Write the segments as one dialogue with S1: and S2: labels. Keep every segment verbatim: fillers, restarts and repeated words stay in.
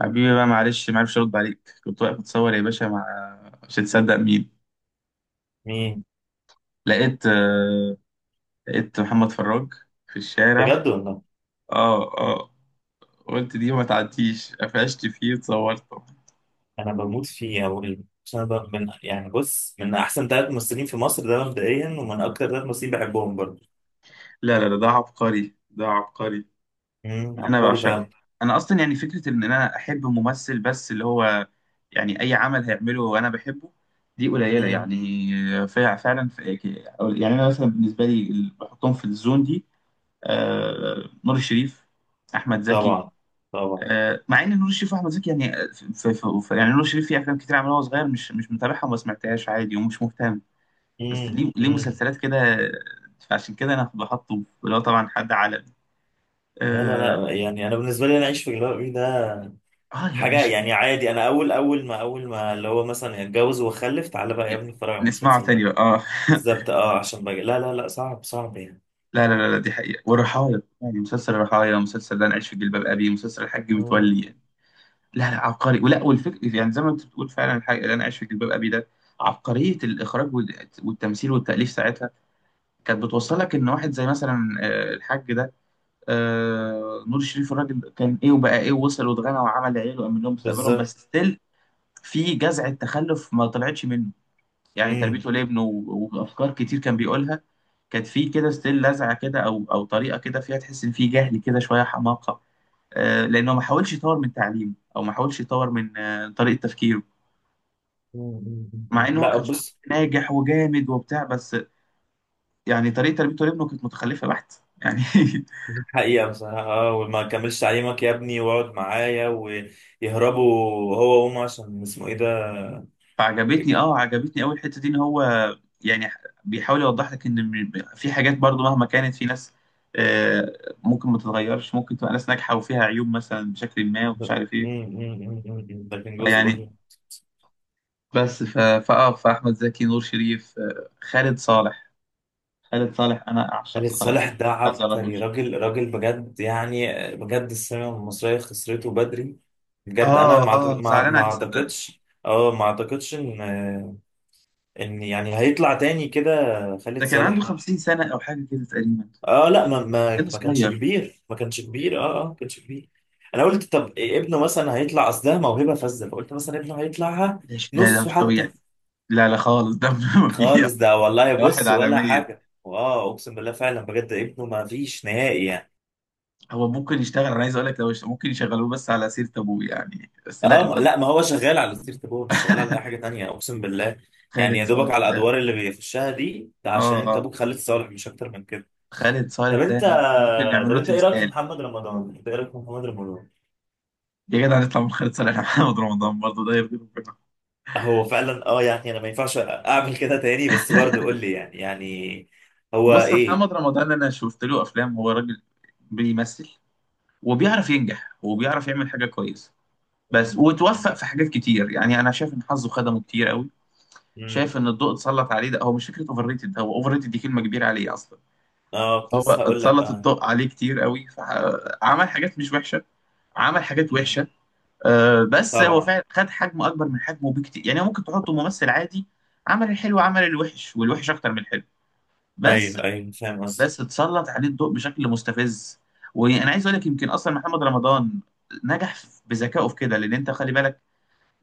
S1: حبيبي بقى معلش ما عرفش ارد عليك، كنت واقف اتصور يا باشا مع مش هتصدق مين.
S2: مين؟
S1: لقيت آه، لقيت محمد فراج في الشارع.
S2: بجد والله.
S1: اه اه، قلت دي ما تعديش قفشت فيه اتصورته.
S2: انا بموت فيه. اول انا ب- من يعني بص، من احسن ثلاث ممثلين في مصر ده مبدئيا، ومن اكتر ثلاث ممثلين بحبهم برضه.
S1: لا لا لا، ده عبقري، ده عبقري.
S2: امم
S1: انا
S2: عبقري فعلا.
S1: بعشقه. انا اصلا يعني فكره ان انا احب ممثل بس اللي هو يعني اي عمل هيعمله وانا بحبه، دي قليله
S2: امم
S1: يعني. فع- فعلا ف- يعني انا مثلا بالنسبه لي ال- بحطهم في الزون دي. آه، نور الشريف، احمد زكي.
S2: طبعا، طبعا.
S1: آه، مع ان نور الشريف واحمد زكي يعني، آه، في في في يعني نور الشريف في افلام كتير عملها وهو صغير مش مش متابعها وما سمعتهاش عادي ومش مهتم، بس
S2: امم
S1: ليه ليه
S2: امم
S1: مسلسلات كده. آه، فعشان كده انا بحطه اللي هو طبعا حد عالمي.
S2: لا لا
S1: اه.
S2: لا، يعني انا بالنسبه لي انا اعيش في جلباب ابي ده
S1: آه يا
S2: حاجه، يعني
S1: باشا،
S2: عادي. انا اول اول ما اول ما اللي هو مثلا اتجوز وخلف، تعالى بقى يا
S1: يعني
S2: ابني اتفرج على
S1: نسمعه
S2: المسلسل
S1: تاني
S2: ده.
S1: بقى اه
S2: بالظبط اه، عشان بقى لا لا لا، صعب صعب يعني
S1: لا لا لا لا، دي حقيقة. والرحايا يعني مسلسل الرحايا، مسلسل ده انا عايش في جلباب ابي، مسلسل الحاج
S2: امم
S1: متولي. لا لا عبقري ولا، والفكر يعني زي ما انت بتقول فعلا، الحاجه اللي انا عايش في جلباب ابي ده، عبقريه الاخراج وال- والتمثيل والتاليف ساعتها، كانت بتوصل لك ان واحد زي مثلا آه، الحاج ده، آه، نور الشريف، الراجل كان ايه وبقى ايه ووصل واتغنى وعمل عيله وامن لهم مستقبلهم،
S2: بالظبط.
S1: بس ستيل في جزعه تخلف ما طلعتش منه، يعني
S2: امم
S1: تربيته لابنه و- وافكار كتير كان بيقولها كانت في كده ستيل لزعه كده، او او طريقه كده فيها تحس ان في جهل كده، شويه حماقه. آه، لانه ما حاولش يطور من تعليمه او ما حاولش يطور من آه، طريقه تفكيره.
S2: أمم، أمم،
S1: مع
S2: أمم.
S1: ان هو
S2: لا
S1: كان شخص
S2: بص،
S1: ناجح وجامد وبتاع، بس يعني طريقه تربيته لابنه كانت متخلفه بحت يعني.
S2: دي حقيقة بصراحة اه، وما كملش تعليمك يا ابني واقعد معايا، ويهربوا هو وأمه عشان اسمه ايه ده.
S1: فعجبتني، اه عجبتني قوي الحته دي، ان هو يعني بيحاول يوضح لك ان م- في حاجات برضو مهما كانت في ناس، آه، ممكن ما تتغيرش، ممكن تبقى ناس ناجحه وفيها عيوب مثلا بشكل ما ومش عارف ايه
S2: مم، مم، مم، مم. ده كان جزء
S1: يعني.
S2: برضه.
S1: بس ف... فاه فاحمد زكي، نور شريف، آه، خالد صالح. خالد صالح انا
S2: خالد
S1: اعشق
S2: صالح ده
S1: هذا
S2: عبقري،
S1: الرجل.
S2: راجل راجل بجد، يعني بجد السينما المصرية خسرته بدري. بجد أنا
S1: اه
S2: ما أعت-
S1: اه،
S2: ما
S1: زعلان
S2: ما
S1: عليه صدقني.
S2: أعتقدش، اه ما أعتقدش إن إن يعني هيطلع تاني كده خالد
S1: ده كان عنده
S2: صالح.
S1: خمسين سنه او حاجه كده تقريبا،
S2: اه لا، ما ما
S1: كان
S2: ما كانش
S1: صغير.
S2: كبير، ما كانش كبير، اه اه ما كانش كبير. انا قلت طب إيه ابنه مثلا هيطلع، اصل ده موهبه فذه، فقلت مثلا ابنه هيطلعها
S1: ده ش- ده ده
S2: نصه
S1: مش طبيعي.
S2: حتى.
S1: لا لا خالص ده ما فيه.
S2: خالص ده والله،
S1: ده واحد
S2: بص
S1: على
S2: ولا
S1: مية.
S2: حاجه، واه اقسم بالله، فعلا بجد ابنه ما فيش نهائي يعني.
S1: هو ممكن يشتغل، انا عايز اقول لك، لو يشت- ممكن يشغلوه بس على سيرة ابوه، يعني بس لا
S2: اه ما-
S1: الواد.
S2: لا ما هو شغال على سيره ابوه، مش شغال على اي حاجه تانية اقسم بالله. يعني
S1: خالد
S2: يا دوبك
S1: صالح
S2: على
S1: ده،
S2: الادوار اللي بيخشها دي، ده
S1: اه
S2: عشان انت
S1: اه،
S2: ابوك خالد صالح، مش اكتر من كده.
S1: خالد صالح
S2: طب
S1: ده
S2: انت
S1: أنا- ده ممكن
S2: طب
S1: نعمل له
S2: انت ايه رايك في
S1: تمثال.
S2: محمد رمضان؟ انت ايه رايك في محمد رمضان؟
S1: يا جدع نطلع من خالد صالح محمد رمضان؟ برضه ده يرضي ربنا؟
S2: هو فعلا اه، يعني انا ما ينفعش اعمل كده تاني، بس برضه قول لي يعني يعني هو
S1: بص،
S2: ايه.
S1: محمد رمضان انا شفت له افلام، هو راجل بيمثل وبيعرف ينجح وبيعرف يعمل حاجه كويسه، بس
S2: مم.
S1: وتوفق
S2: مم.
S1: في حاجات كتير. يعني انا شايف ان حظه خدمه كتير قوي، شايف
S2: مم.
S1: ان الضوء اتسلط عليه. ده هو مش فكره اوفر ريتد، هو اوفر ريتد دي كلمه كبيره عليه اصلا.
S2: اه كنت
S1: هو
S2: لسه هقول لك
S1: اتسلط
S2: اه.
S1: الضوء عليه كتير قوي، فعمل حاجات مش وحشه، عمل حاجات
S2: مم.
S1: وحشه. آه، بس هو
S2: طبعا.
S1: فعلا خد حجم اكبر من حجمه بكتير، يعني ممكن تحطه ممثل عادي. عمل الحلو عمل الوحش، والوحش اكتر من الحلو بس.
S2: ايوه ايوه، فاهم قصدي.
S1: بس اتسلط عليه الضوء بشكل مستفز. وانا عايز اقول لك يمكن اصلا محمد رمضان نجح بذكائه في كده، لان انت خلي بالك،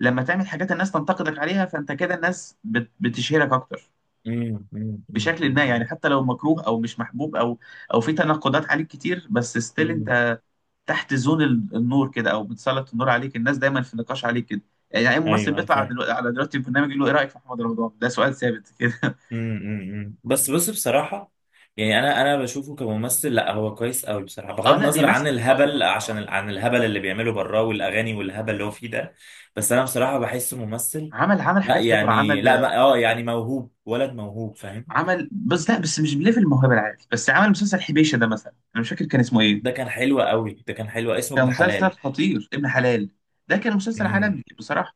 S1: لما تعمل حاجات الناس تنتقدك عليها، فانت كده الناس بت- بتشهرك اكتر
S2: مم. مم. مم.
S1: بشكل ما،
S2: مم.
S1: يعني حتى لو مكروه او مش محبوب، او او في تناقضات عليك كتير، بس ستيل
S2: مم.
S1: انت تحت زون ال- النور كده، او بتسلط النور عليك، الناس دايما في نقاش عليك كده. يعني اي ممثل
S2: ايوه انا
S1: بيطلع
S2: فاهم.
S1: دلوقتي على دلوقتي البرنامج يقول له ايه رايك في محمد رمضان؟ ده سؤال ثابت كده
S2: امم امم، امم. بس بص بصراحة، يعني انا انا بشوفه كممثل، لا هو كويس قوي بصراحة،
S1: اه
S2: بغض
S1: لا
S2: النظر عن
S1: بيمثل، اه
S2: الهبل
S1: اه
S2: عشان
S1: اه.
S2: ال- عن الهبل اللي بيعمله براه، والاغاني والهبل اللي هو فيه ده. بس انا بصراحة بحسه ممثل.
S1: عمل عمل
S2: لا
S1: حاجات حلوه،
S2: يعني
S1: عمل
S2: لا،
S1: آه،
S2: ما اه
S1: مسلسل،
S2: يعني موهوب، ولد موهوب فاهم.
S1: عمل، بس لا بس مش بليفل الموهبه العادي، بس عمل مسلسل حبيشه ده مثلا، انا مش فاكر كان اسمه ايه.
S2: ده كان حلو قوي، ده كان حلو، اسمه
S1: كان
S2: ابن
S1: مسلسل
S2: حلال.
S1: خطير، ابن حلال ده كان مسلسل
S2: امم
S1: عالمي بصراحه،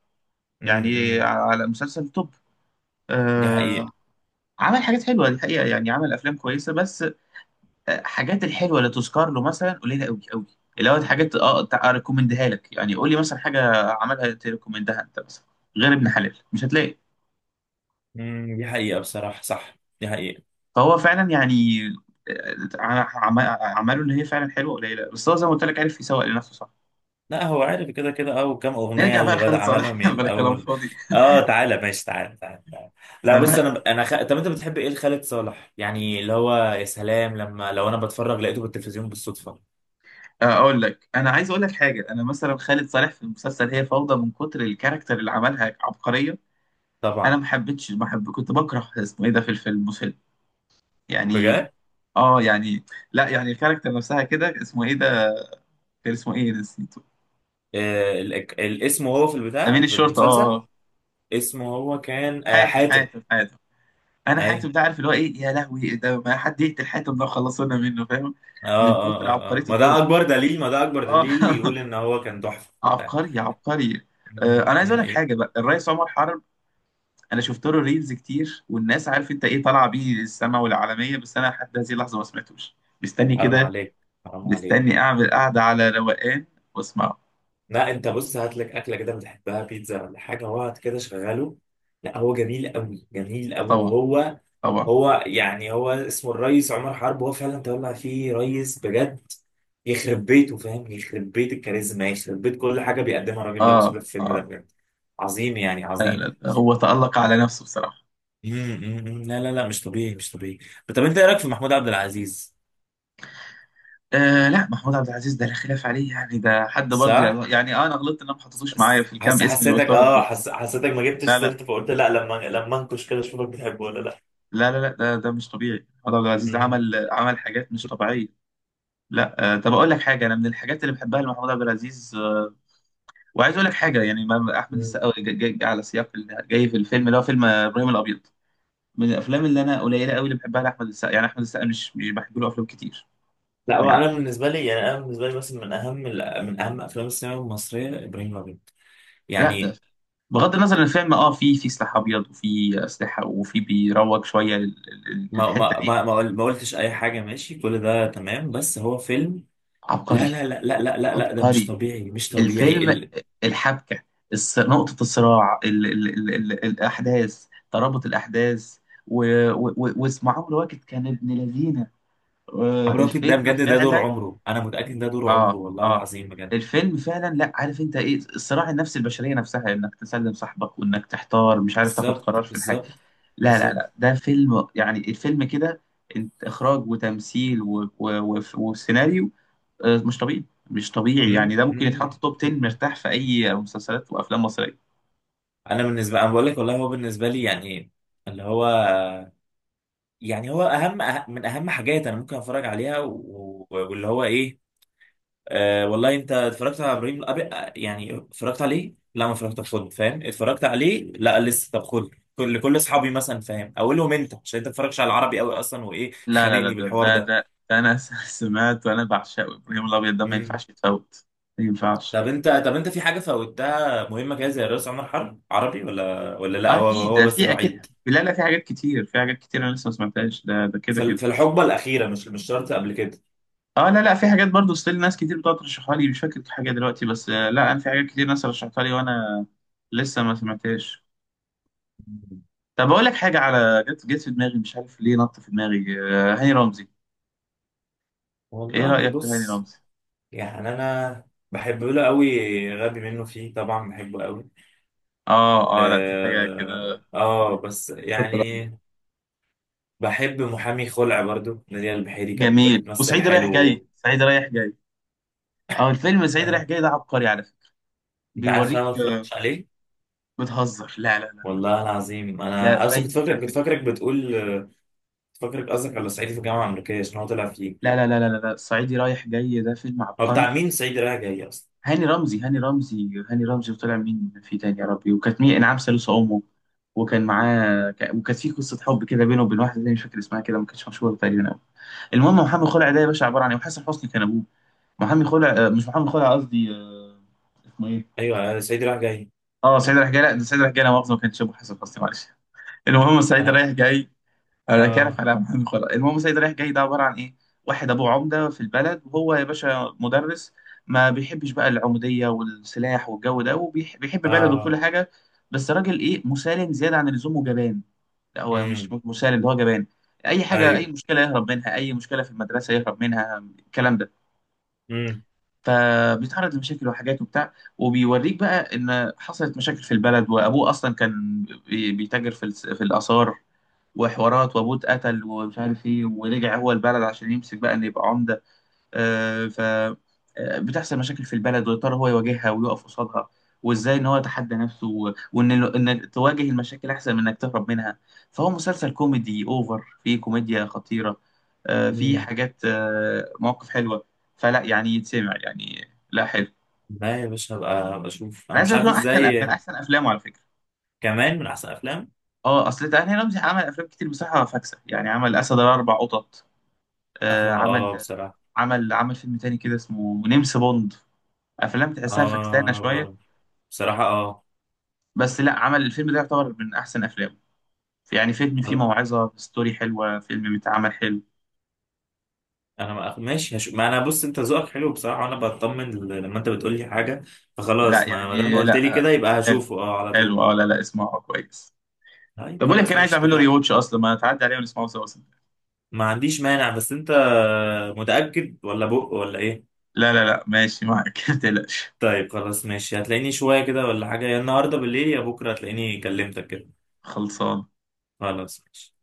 S2: امم
S1: يعني
S2: امم.
S1: على مسلسل توب.
S2: دي حقيقة.
S1: آه، عمل حاجات حلوه دي حقيقه، يعني عمل افلام كويسه، بس آه، حاجات الحلوه اللي تذكر له مثلا قليله قوي قوي، اللي هو حاجات اه تع- اريكومندها لك، يعني قول لي مثلا حاجه عملها تريكومندها انت مثلا، غير ابن حلال مش هتلاقي.
S2: امم دي حقيقة بصراحة، صح دي حقيقة.
S1: فهو فعلا يعني آه، ع- عم- اعماله اللي هي فعلا حلوه قليله، بس هو زي ما قلت لك عارف يسوق لنفسه، صح.
S2: لا هو عارف كده كده اه، وكام
S1: نرجع
S2: اغنيه
S1: بقى
S2: اللي بدأ
S1: لخالد
S2: عملهم
S1: صالح
S2: من
S1: بلا كلام
S2: الاول.
S1: فاضي.
S2: اه تعالى ماشي، تعالى تعالى تعالى. لا بص،
S1: انا
S2: انا انا خ... طب انت بتحب ايه لخالد صالح؟ يعني اللي هو يا سلام لما لو انا بتفرج لقيته بالتلفزيون بالصدفه.
S1: آه، اقول لك، انا عايز اقول لك حاجه، انا مثلا خالد صالح في المسلسل هي فوضى من كتر الكاركتر اللي عملها، عبقريه. انا
S2: طبعا.
S1: ما حبيتش ما حب كنت بكره اسمه ايه ده في الفيلم مسل يعني،
S2: بجد.
S1: اه يعني لا يعني الكاركتر نفسها كده، اسمه ايه ده؟ كان اسمه ايه نسيته؟
S2: آه ال... ال- اسمه هو في
S1: امين
S2: البتاع في
S1: الشرطه، اه
S2: المسلسل،
S1: آه.
S2: اسمه هو كان آه
S1: حاتم
S2: حاتم.
S1: حاتم حاتم. انا
S2: اي،
S1: حاتم ده عارف اللي هو ايه، يا لهوي إيه ده، ما حد يقتل حاتم ده خلصونا منه، فاهم،
S2: اه
S1: من
S2: اه
S1: كتر
S2: اه
S1: عبقريه
S2: اه ما ده
S1: الدور.
S2: اكبر دليل، ما ده اكبر
S1: اه
S2: دليل يقول ان هو كان تحفه.
S1: عبقري عبقري. آه
S2: مم،
S1: انا
S2: دي
S1: عايز اقول لك
S2: حقيقه.
S1: حاجه بقى، الرئيس عمر حرب، انا شفت له ريلز كتير، والناس عارف انت ايه طالعه بيه السما والعالميه، بس انا لحد هذه اللحظه ما سمعتوش. مستني
S2: حرام
S1: كده،
S2: عليك، حرام عليك.
S1: مستني اعمل قعده على روقان واسمعه.
S2: لا انت بص، هات لك اكله كده بتحبها بيتزا ولا حاجه، واقعد كده شغله. لا هو جميل قوي، جميل
S1: آه
S2: قوي.
S1: طبعا،
S2: وهو
S1: طبعا.
S2: هو يعني هو اسمه الريس عمر حرب، هو فعلا طلع فيه ريس بجد. يخرب بيته فاهم، يخرب بيت الكاريزما، يخرب بيت كل حاجه بيقدمها الراجل ده، اقسم
S1: اه
S2: بالله في الفيلم ده
S1: اه،
S2: بجد عظيم، يعني
S1: لا لا
S2: عظيم.
S1: لا، هو تألق على نفسه بصراحه.
S2: مم، مم، مم. لا لا لا، مش طبيعي، مش طبيعي. طب انت ايه رايك في محمود عبد العزيز؟
S1: آه لا محمود عبد العزيز ده لا خلاف عليه، يعني ده حد برضه
S2: صح،
S1: يعني يعني آه، انا غلطت ان انا ما حطيتوش معايا
S2: بس
S1: في الكام
S2: حس
S1: اسم اللي
S2: حسيتك
S1: قلتهم
S2: اه،
S1: دول.
S2: حس حسيتك ما جبتش
S1: لا
S2: سيرته،
S1: لا
S2: فقلت لا لما لما انكش كده اشوفك بتحبه ولا
S1: لا لا لا، ده ده مش طبيعي. محمود عبد العزيز
S2: لا.
S1: عمل عمل حاجات مش طبيعيه. لا، آه طب اقول لك حاجه، انا من الحاجات اللي بحبها لمحمود عبد العزيز آه، وعايز اقول لك حاجه يعني ما- احمد
S2: مم.
S1: السقا جاي جاي على سياق ال- جاي في الفيلم اللي هو فيلم آه، ابراهيم الابيض، من الافلام اللي انا قليله قوي اللي بحبها لاحمد السقا، يعني احمد السقا مش مش بحب له افلام كتير،
S2: لا هو
S1: يعني عم-
S2: انا بالنسبه لي يعني، انا بالنسبه لي بس من اهم، من اهم افلام السينما المصريه ابراهيم الابيض.
S1: لا ده
S2: يعني
S1: بغض النظر ان الفيلم اه في في سلاح ابيض وفي اسلحه وفي بيروج شويه لل- لل-
S2: ما
S1: للحته
S2: ما
S1: دي.
S2: ما ما قل- ما قلتش اي حاجه، ماشي كل ده تمام، بس هو فيلم. لا
S1: عبقري،
S2: لا لا لا لا لا لا ده مش
S1: عبقري
S2: طبيعي، مش طبيعي
S1: الفيلم،
S2: ال-
S1: الحبكه، الص- نقطه الصراع، ال ال ال ال الاحداث، ترابط الاحداث، و- و- و- واسم عمرو واكد كان ابن لذينه. آه،
S2: عمرو واكد ده
S1: الفيلم
S2: بجد، ده دور
S1: فعلا،
S2: عمره، انا متاكد ده دور عمره
S1: اه
S2: والله
S1: اه
S2: العظيم بجد.
S1: الفيلم فعلا لا، عارف انت ايه؟ الصراع النفسي، البشريه نفسها، انك تسلم صاحبك، وانك تحتار مش عارف تاخد
S2: بالظبط،
S1: قرار في الحاجه.
S2: بالظبط.
S1: لا لا
S2: بالظبط.
S1: لا، ده فيلم يعني، الفيلم كده انت، اخراج وتمثيل و... و... و... وسيناريو، آه، مش طبيعي، مش طبيعي،
S2: مم.
S1: يعني ده ممكن يتحط
S2: مم.
S1: توب عشرة
S2: مم.
S1: مرتاح في اي مسلسلات وافلام مصريه.
S2: انا بالنسبه، انا بقول لك والله هو بالنسبه لي يعني، اللي هو يعني هو اهم، أه- من اهم حاجات انا ممكن اتفرج عليها و- و- واللي هو ايه. آه والله، انت اتفرجت على ابراهيم الابيض؟ آه، يعني اتفرجت عليه؟ لا ما اتفرجت، طب خد فاهم، اتفرجت عليه؟ لا لسه، طب خد. كل كل اصحابي مثلا فاهم، اقول لهم انت عشان انت ما بتتفرجش على العربي قوي اصلا، وايه
S1: لا لا لا
S2: خانقني
S1: ده
S2: بالحوار
S1: ده,
S2: ده.
S1: ده, ده انا سمعت، وانا بعشقه ابراهيم الابيض ده ما
S2: امم.
S1: ينفعش يتفوت، ما ينفعش.
S2: طب انت، طب انت في حاجه فوتها مهمه كده زي الرئيس عمر حرب عربي، ولا ولا لا هو
S1: اكيد
S2: هو
S1: ده
S2: بس
S1: في اكيد،
S2: الوحيد؟
S1: لا لا في حاجات كتير، في حاجات كتير انا لسه ما سمعتهاش، ده ده كده
S2: في ال-
S1: كده.
S2: في الحقبه الاخيره، مش مش شرط قبل كده.
S1: اه لا لا، في حاجات برضو ستيل ناس كتير بتقعد ترشحها لي، مش فاكر حاجه دلوقتي، بس آه، لا انا في حاجات كتير ناس رشحتها لي وانا لسه ما سمعتهاش.
S2: مم.
S1: طب اقول لك حاجه، على جت جت في دماغي، مش عارف ليه نط في دماغي، آه، هاني رمزي. ايه
S2: والله
S1: رايك في هاني
S2: بص،
S1: رمزي؟
S2: يعني انا بحب له قوي، غبي منه فيه طبعا، بحبه قوي.
S1: اه اه لا، دي حاجه
S2: اه
S1: كده
S2: آه، بس يعني بحب محامي خلع برضو، نادية البحيري كانت
S1: جميل،
S2: بتمثل
S1: وسعيد رايح جاي،
S2: حلو.
S1: سعيد رايح جاي. اه الفيلم سعيد رايح
S2: آه.
S1: جاي ده عبقري على فكره،
S2: انت عارف ان
S1: بيوريك.
S2: انا ما
S1: آه،
S2: اتفرجتش عليه.
S1: بتهزر؟ لا لا لا،
S2: والله العظيم
S1: لا
S2: انا اصلا كنت
S1: فايتك على
S2: فاكرك كنت
S1: فكره.
S2: فاكرك بتقول، كنت فاكرك قصدك على صعيدي في الجامعه الامريكيه عشان هو طلع فيه.
S1: لا لا لا لا لا لا، الصعيدي رايح جاي ده فيلم
S2: هو
S1: عبقري.
S2: بتاع مين صعيدي رايح جاي اصلا؟
S1: هاني رمزي، هاني رمزي، هاني رمزي وطلع مين في تاني يا ربي، وكانت مين انعام سالوسة امه، وكان معاه ك- وكانت في قصه حب كده بينه وبين واحده تانية، مش فاكر اسمها، كده ما كانتش مشهوره تقريبا قوي. المهم، محمد خلع ده يا باشا عباره عن ايه؟ وحسن حسني كان ابوه. محمد خلع آه، مش محمد خلع قصدي، آه، اسمه ايه؟
S2: ايوه آه، صعيدي رايح جاي.
S1: اه سعيد رايح جاي، لا ده سعيد رايح جاي، لا مؤاخذه ما كانش ابو حسن حسني، معلش. المهم سعيد
S2: انا.
S1: رايح جاي، انا كارف
S2: اه
S1: على محمد خلاص. المهم سيد رايح جاي ده عباره عن ايه؟ واحد ابوه عمده في البلد، وهو يا باشا مدرس، ما بيحبش بقى العموديه والسلاح والجو ده، وبيحب بلده وكل
S2: اه.
S1: حاجه، بس راجل ايه، مسالم زياده عن اللزوم، وجبان. لا هو مش
S2: امم.
S1: م- مسالم ده، هو جبان. اي حاجه، اي
S2: ايوه.
S1: مشكله يهرب منها، اي مشكله في المدرسه يهرب منها، الكلام ده.
S2: امم
S1: فبيتعرض لمشاكل وحاجات وبتاع، وبيوريك بقى ان حصلت مشاكل في البلد، وابوه اصلا كان بي- بيتاجر في الس- في الاثار وحوارات، وابوه اتقتل ومش عارف ايه، ورجع هو البلد عشان يمسك بقى ان يبقى عمده. آه، ف آه، بتحصل مشاكل في البلد، ويا ترى هو يواجهها ويقف قصادها، وازاي ان هو يتحدى نفسه و- وان ال- انك تواجه المشاكل احسن من انك تهرب منها. فهو مسلسل كوميدي اوفر، فيه كوميديا خطيره، آه، فيه
S2: امم
S1: حاجات آه، مواقف حلوه، فلا يعني يتسمع يعني، لا حلو.
S2: لا يا باشا، هبقى هبقى اشوف،
S1: انا
S2: انا
S1: عايز
S2: مش
S1: اقول لك
S2: عارف
S1: إن هو احسن من
S2: ازاي.
S1: احسن افلامه على فكره.
S2: كمان من احسن افلام.
S1: اه اصل تعني رمزي عمل افلام كتير بصراحه فاكسه، يعني عمل اسد الاربع قطط،
S2: اه
S1: آه، عمل
S2: اه بصراحه.
S1: عمل عمل فيلم تاني كده اسمه نمس بوند، افلام تحسها فكسانه
S2: اه
S1: شويه.
S2: برضه، بصراحه اه.
S1: بس لا عمل الفيلم ده يعتبر من احسن افلامه، يعني فيلم فيه موعظه، ستوري حلوه، فيلم متعمل حلو.
S2: انا ما ماشي هش... ما انا بص، انت ذوقك حلو بصراحه، وانا بطمن ل- لما انت بتقول لي حاجه،
S1: لا
S2: فخلاص ما ما دام
S1: يعني
S2: قلت لي كده
S1: لا،
S2: يبقى
S1: حلو
S2: هشوفه اه على
S1: حلو
S2: طول.
S1: اه، لا لا اسمعه كويس.
S2: طيب
S1: طب بقول لك،
S2: خلاص
S1: انا عايز
S2: ماشي،
S1: اعمل له ري
S2: اتفقنا.
S1: واتش اصلا، ما تعدي عليه ونسمعه سوا اصلا.
S2: ما عنديش مانع، بس انت متاكد ولا بق ولا ايه؟
S1: لا لا لا ماشي معاك ما تقلقش،
S2: طيب خلاص ماشي، هتلاقيني شويه كده ولا حاجه، يا النهارده بالليل يا بكره هتلاقيني كلمتك كده.
S1: خلصان.
S2: خلاص ماشي.